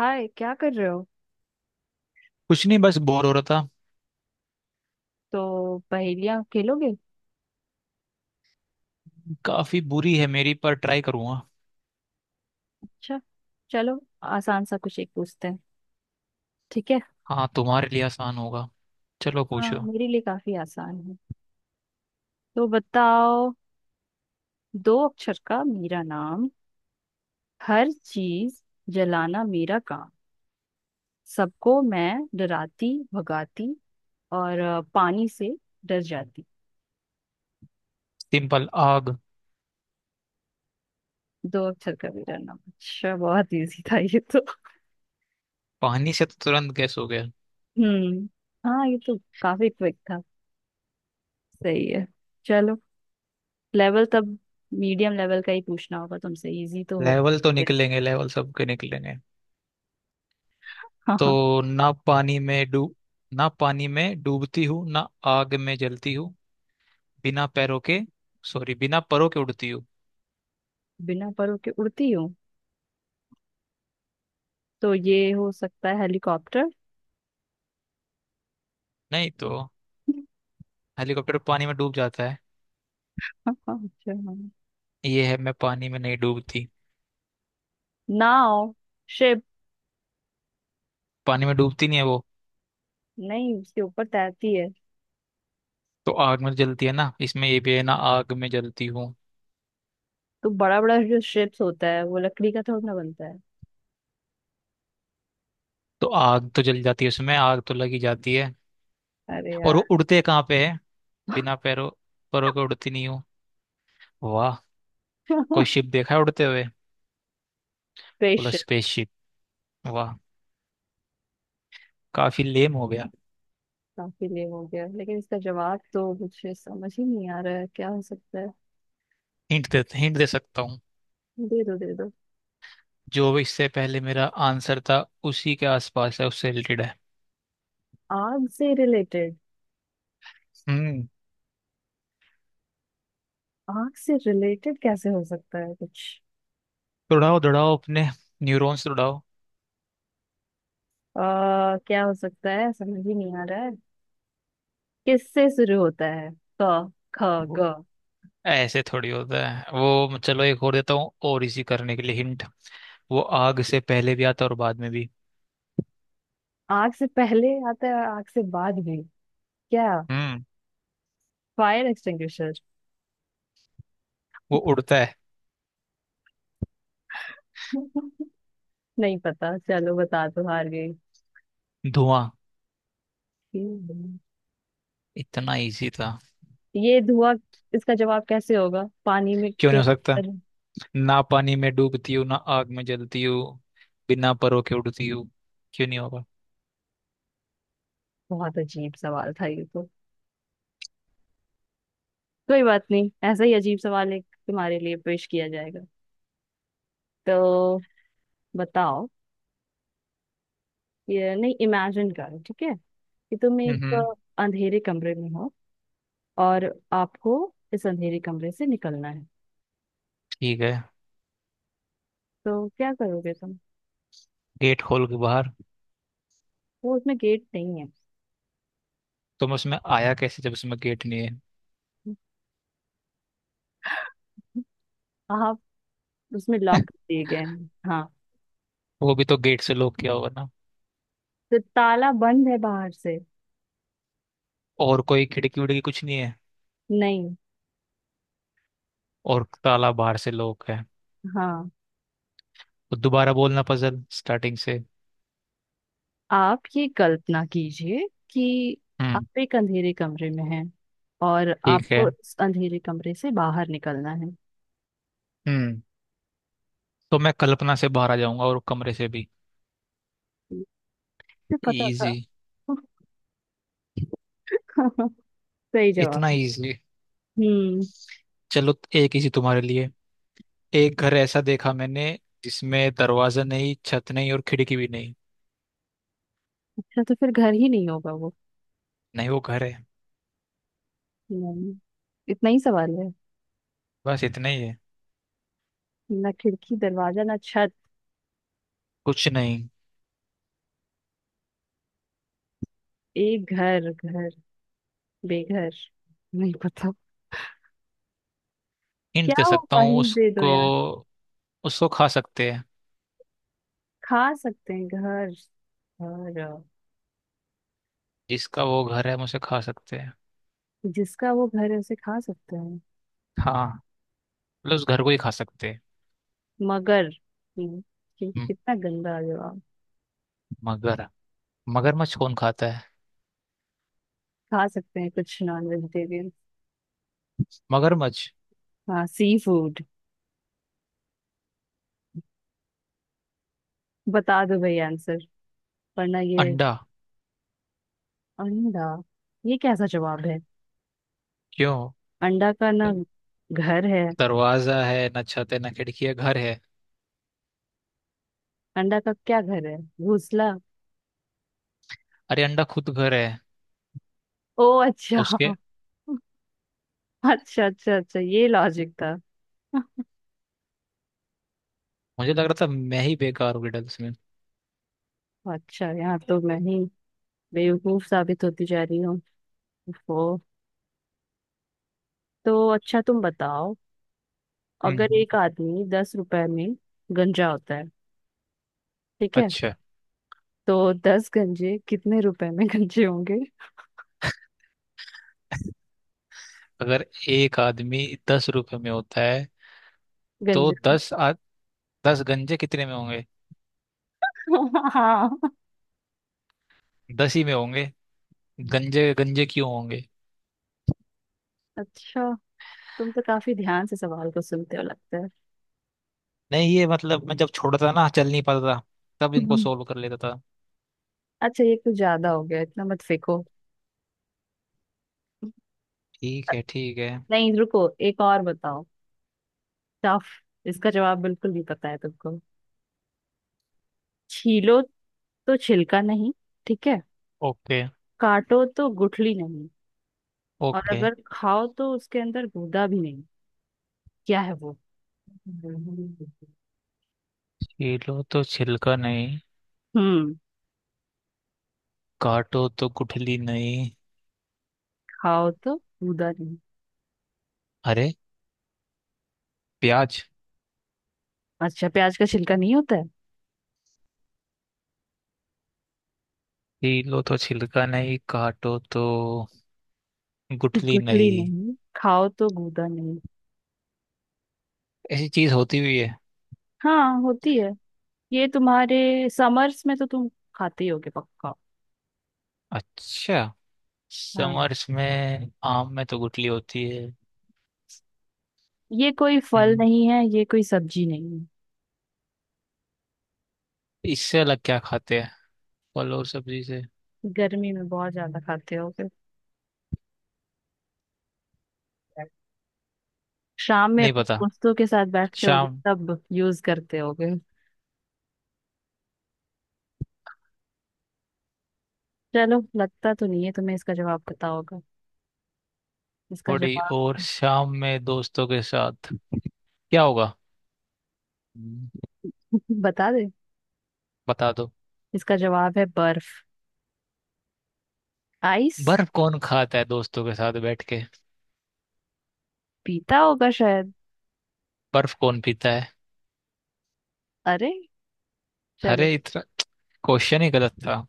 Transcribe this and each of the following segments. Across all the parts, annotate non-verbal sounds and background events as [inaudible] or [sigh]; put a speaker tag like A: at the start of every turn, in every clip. A: हाय, क्या कर रहे हो।
B: कुछ नहीं, बस बोर हो रहा था।
A: तो पहेलियां खेलोगे।
B: काफी बुरी है मेरी, पर ट्राई करूंगा।
A: अच्छा। चलो। आसान सा कुछ एक पूछते हैं। ठीक है।
B: हाँ, तुम्हारे लिए आसान होगा। चलो
A: हाँ,
B: पूछो।
A: मेरे लिए काफी आसान है। तो बताओ। दो अक्षर का मेरा नाम। हर चीज जलाना मेरा काम। सबको मैं डराती भगाती। और पानी से डर जाती।
B: सिंपल, आग।
A: दो अक्षर का मेरा नाम। अच्छा, बहुत इजी था ये तो।
B: पानी से तो तुरंत गैस हो गया।
A: हम्म। हाँ, ये तो काफी क्विक था। सही है। चलो। लेवल तब मीडियम लेवल का ही पूछना होगा तुमसे। इजी तो हो।
B: लेवल तो
A: फिर।
B: निकलेंगे, लेवल सबके निकलेंगे।
A: हाँ
B: तो
A: हाँ।
B: ना पानी में डूब, ना पानी में डूबती हूँ, ना आग में जलती हूँ, बिना पैरों के, सॉरी, बिना परों के उड़ती हूँ।
A: [laughs] बिना परों के उड़ती हूँ, तो ये हो सकता है हेलीकॉप्टर।
B: नहीं तो, हेलीकॉप्टर पानी में डूब जाता है।
A: हाँ हाँ, अच्छा, हाँ।
B: ये है, मैं पानी में नहीं डूबती।
A: नाव। शिप।
B: पानी में डूबती नहीं है वो।
A: नहीं, उसके ऊपर तैरती है।
B: तो आग में जलती है ना, इसमें ये भी है ना, आग में जलती हूँ।
A: तो बड़ा बड़ा जो शिप्स होता है वो लकड़ी का थोड़ा ना बनता है।
B: तो आग तो जल जाती है उसमें, आग तो लगी जाती है।
A: अरे
B: और वो
A: यार।
B: उड़ते कहाँ पे है? बिना पैरों, परों के उड़ती नहीं हूँ। वाह, कोई
A: [laughs]
B: शिप देखा है उड़ते हुए? बोला
A: स्पेसशिप।
B: स्पेसशिप। वाह, काफी लेम हो गया।
A: काफी लेम हो गया, लेकिन इसका जवाब तो मुझे समझ ही नहीं आ रहा है, क्या हो सकता है।
B: हिंट दे सकता हूँ।
A: दे दो, दे दो।
B: जो भी इससे पहले मेरा आंसर था, उसी के आसपास है, उससे रिलेटेड है।
A: आग से रिलेटेड।
B: हम्म।
A: आग से रिलेटेड कैसे हो सकता है कुछ।
B: दौड़ाओ दौड़ाओ अपने न्यूरॉन्स दौड़ाओ।
A: क्या हो सकता है, समझ ही नहीं आ रहा है। किससे शुरू होता है। क। ख।
B: वो
A: ग।
B: ऐसे थोड़ी होता है। वो चलो एक और देता हूँ, और इसी करने के लिए हिंट। वो आग से पहले भी आता है और बाद में भी।
A: आग से पहले आता है और आग से बाद भी। क्या।
B: हम्म।
A: Fire extinguisher.
B: वो उड़ता है,
A: [laughs] नहीं पता, चलो बता दो, हार गई।
B: धुआं।
A: हम्म।
B: इतना इजी था।
A: ये धुआं। इसका जवाब कैसे होगा पानी में
B: क्यों
A: के,
B: नहीं हो सकता?
A: अरे।
B: ना पानी में डूबती हूँ, ना आग में जलती हूँ, बिना परों के उड़ती हूँ। क्यों नहीं होगा?
A: बहुत अजीब सवाल था ये तो। कोई बात नहीं, ऐसा ही अजीब सवाल एक तुम्हारे लिए पेश किया जाएगा। तो बताओ। ये नहीं, इमेजिन करो, ठीक है। कि तुम एक
B: हम्म।
A: अंधेरे कमरे में हो और आपको इस अंधेरे कमरे से निकलना है।
B: ठीक है।
A: तो क्या करोगे तुम।
B: गेट खोल के बाहर।
A: वो उसमें गेट नहीं है।
B: तो मैं उसमें आया कैसे जब उसमें गेट नहीं है?
A: आप उसमें लॉक दिए गए हैं, हाँ।
B: वो भी तो गेट से लॉक किया होगा ना?
A: तो ताला बंद है बाहर से।
B: और कोई खिड़की विड़की कुछ नहीं है?
A: नहीं।
B: और ताला बाहर से लॉक है?
A: हाँ।
B: तो दोबारा बोलना पजल स्टार्टिंग से।
A: आप ये कल्पना कीजिए कि
B: हम्म।
A: आप एक अंधेरे कमरे में हैं और
B: ठीक है।
A: आपको इस अंधेरे कमरे से बाहर निकलना है।
B: हम्म। तो मैं कल्पना से बाहर आ जाऊंगा और कमरे से भी।
A: मुझे पता था।
B: इजी।
A: [laughs] सही जवाब।
B: इतना इजी।
A: हम्म।
B: चलो एक इजी तुम्हारे लिए। एक घर ऐसा देखा मैंने, जिसमें दरवाजा नहीं, छत नहीं, और खिड़की भी नहीं।
A: अच्छा, तो फिर घर ही नहीं होगा वो।
B: नहीं, वो घर है।
A: नहीं। इतना ही सवाल है।
B: बस इतना ही है।
A: ना खिड़की दरवाजा ना छत।
B: कुछ नहीं।
A: एक घर घर। बेघर। नहीं पता।
B: हिंट
A: क्या
B: दे सकता
A: होगा,
B: हूँ
A: हिंट दे दो
B: उसको।
A: यार।
B: उसको खा सकते हैं।
A: खा सकते हैं घर। और।
B: जिसका वो घर है, हम उसे खा सकते हैं।
A: जिसका वो घर है उसे खा सकते हैं।
B: हाँ, मतलब उस घर को ही खा सकते हैं।
A: मगर। हम्म,
B: म-
A: कितना गंदा जवाब।
B: मगर। मगरमच्छ कौन खाता है?
A: खा सकते हैं कुछ नॉन वेजिटेरियन।
B: मगरमच्छ।
A: हाँ, सी फूड। बता दो भाई आंसर, वरना ये।
B: अंडा।
A: अंडा। ये कैसा जवाब है।
B: क्यों?
A: अंडा का ना घर है।
B: दरवाजा है ना, छत है ना, खिड़की है, घर है।
A: अंडा का क्या घर है, घोंसला।
B: अरे, अंडा खुद घर है।
A: ओ अच्छा
B: उसके।
A: अच्छा अच्छा, अच्छा ये लॉजिक था।
B: मुझे लग रहा था मैं ही बेकार हूँ riddles में।
A: अच्छा यहाँ तो मैं ही बेवकूफ साबित होती जा रही हूँ। ओहो। तो अच्छा, तुम बताओ। अगर
B: हम्म।
A: एक आदमी 10 रुपए में गंजा होता है, ठीक है।
B: अच्छा।
A: तो 10 गंजे कितने रुपए में गंजे होंगे।
B: अगर एक आदमी 10 रुपए में होता है, तो
A: गंजे।
B: 10 गंजे कितने में होंगे?
A: [laughs] हाँ।
B: दस ही में होंगे। गंजे गंजे क्यों होंगे?
A: अच्छा, तुम तो काफी ध्यान से सवाल को सुनते हो लगता है।
B: नहीं, ये मतलब मैं जब छोटा था ना, चल नहीं पाता था, तब इनको
A: हम्म।
B: सोल्व कर लेता था।
A: अच्छा, ये कुछ ज्यादा हो गया, इतना मत फेंको।
B: ठीक है, ठीक है।
A: नहीं रुको, एक और बताओ। टफ। इसका जवाब बिल्कुल नहीं पता है तुमको। छीलो तो छिलका नहीं, ठीक है।
B: ओके।
A: काटो तो गुठली नहीं। और
B: ओके।
A: अगर खाओ तो उसके अंदर गूदा भी नहीं। क्या है वो। हम्म
B: छीलो तो छिलका नहीं, काटो तो गुठली नहीं।
A: खाओ तो गूदा नहीं।
B: अरे, प्याज।
A: अच्छा, प्याज का छिलका नहीं होता है।
B: छीलो तो छिलका नहीं, काटो तो गुठली
A: गुठली
B: नहीं।
A: नहीं खाओ तो गूदा नहीं।
B: ऐसी चीज होती हुई है?
A: हाँ, होती है। ये तुम्हारे समर्स में तो तुम खाते ही होगे पक्का।
B: अच्छा,
A: हाँ,
B: समर्स में आम में तो गुठली होती है।
A: ये कोई फल
B: हम्म,
A: नहीं है, ये कोई सब्जी नहीं
B: इससे अलग क्या खाते हैं फल और सब्जी से?
A: है। गर्मी में बहुत ज्यादा खाते होगे। शाम में
B: नहीं
A: अपने
B: पता।
A: दोस्तों के साथ बैठते होगे
B: शाम?
A: तब यूज करते होगे। चलो, लगता तो नहीं है तुम्हें इसका जवाब पता होगा। इसका
B: थोड़ी
A: जवाब।
B: और शाम में दोस्तों के साथ क्या होगा? हम्म।
A: [laughs] बता दे।
B: बता दो।
A: इसका जवाब है बर्फ। आइस।
B: बर्फ कौन खाता है दोस्तों के साथ बैठ के?
A: पीता होगा शायद।
B: बर्फ कौन पीता है?
A: अरे। चलो।
B: अरे, इतना, क्वेश्चन ही गलत था।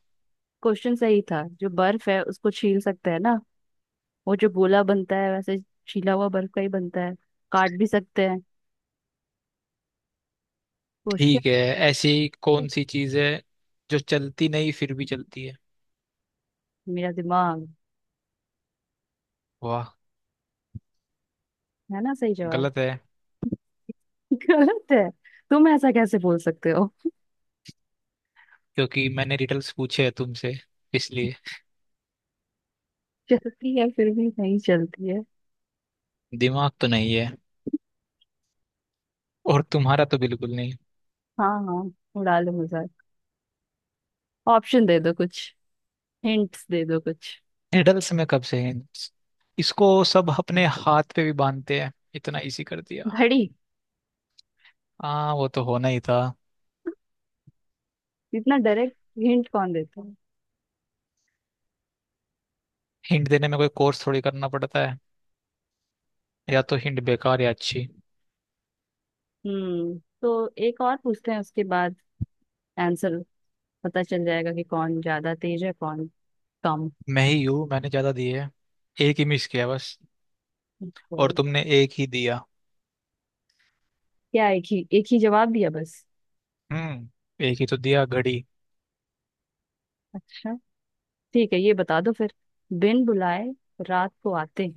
A: क्वेश्चन सही था, जो बर्फ है उसको छील सकते हैं ना। वो जो गोला बनता है वैसे, छीला हुआ बर्फ का ही बनता है। काट भी सकते हैं। क्वेश्चन।
B: ठीक है। ऐसी कौन सी चीज है जो चलती नहीं फिर भी चलती है?
A: मेरा दिमाग।
B: वाह।
A: है ना सही जवाब।
B: गलत है।
A: [laughs] गलत है। तुम ऐसा कैसे बोल सकते हो।
B: क्योंकि मैंने रिडल्स पूछे हैं तुमसे, इसलिए।
A: चलती है फिर भी नहीं चलती है।
B: दिमाग तो नहीं है, और तुम्हारा तो बिल्कुल नहीं।
A: हाँ हाँ, उड़ा लो मजाक। ऑप्शन दे दो कुछ। हिंट्स दे दो कुछ।
B: निडल्स में कब से है? इसको सब अपने हाथ पे भी बांधते हैं, इतना इजी कर दिया।
A: घड़ी।
B: हाँ, वो तो होना ही था।
A: इतना डायरेक्ट हिंट कौन देता है।
B: हिंट देने में कोई कोर्स थोड़ी करना पड़ता है। या तो हिंट बेकार, या अच्छी।
A: तो एक और पूछते हैं, उसके बाद आंसर पता चल जाएगा कि कौन ज्यादा तेज है, कौन कम।
B: मैं ही हूँ, मैंने ज्यादा दी है। एक ही मिस किया बस। और
A: तो
B: तुमने एक ही दिया।
A: क्या एक ही जवाब दिया बस।
B: हम्म, एक ही तो दिया, घड़ी।
A: अच्छा। ठीक है, ये बता दो फिर। बिन बुलाए रात को आते हैं।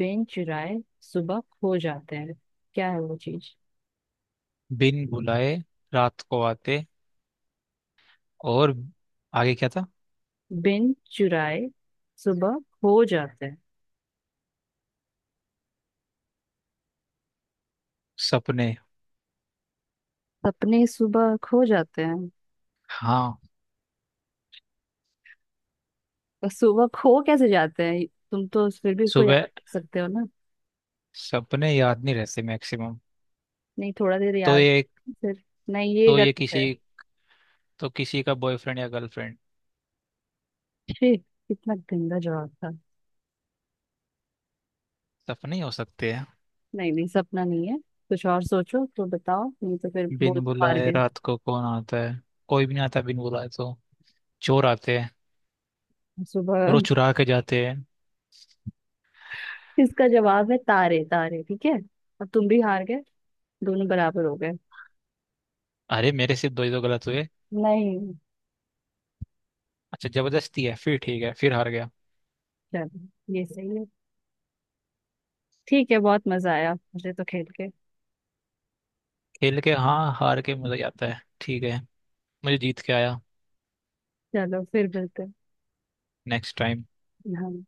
A: बिन चुराए सुबह खो जाते हैं। क्या है वो चीज।
B: बिन बुलाए रात को आते, और आगे क्या था?
A: बिन चुराए सुबह खो जाते हैं।
B: सपने।
A: सपने सुबह खो जाते हैं।
B: हाँ।
A: तो सुबह खो कैसे जाते हैं, तुम तो फिर भी इसको याद
B: सुबह,
A: कर सकते हो ना।
B: सपने याद नहीं रहते मैक्सिमम।
A: नहीं, थोड़ा देर
B: तो
A: याद।
B: ये,
A: फिर। नहीं, ये
B: तो ये
A: गलत है।
B: किसी, तो किसी का बॉयफ्रेंड या गर्लफ्रेंड,
A: छी, कितना गंदा जवाब था।
B: सपने ही हो सकते हैं।
A: नहीं नहीं, सपना नहीं है। कुछ और सोचो, तो बताओ नहीं तो फिर
B: बिन
A: बोल, तो हार
B: बुलाए
A: गए।
B: रात को कौन आता है? कोई भी नहीं आता बिन बुलाए, तो चोर आते हैं,
A: सुबह।
B: और वो चुरा के जाते हैं।
A: [laughs] इसका जवाब है तारे। तारे, ठीक है। और तुम भी हार गए। दोनों बराबर हो गए।
B: अरे, मेरे सिर्फ दो ही तो गलत हुए।
A: नहीं।
B: अच्छा, जबरदस्ती है फिर, ठीक है, फिर हार गया।
A: चलो, ये सही है। ठीक है, बहुत मजा आया मुझे तो खेल के।
B: खेल के? हाँ, हार के मजा ही आता है, ठीक है। मुझे जीत के आया।
A: चलो फिर मिलते हैं।
B: Next time.
A: हाँ।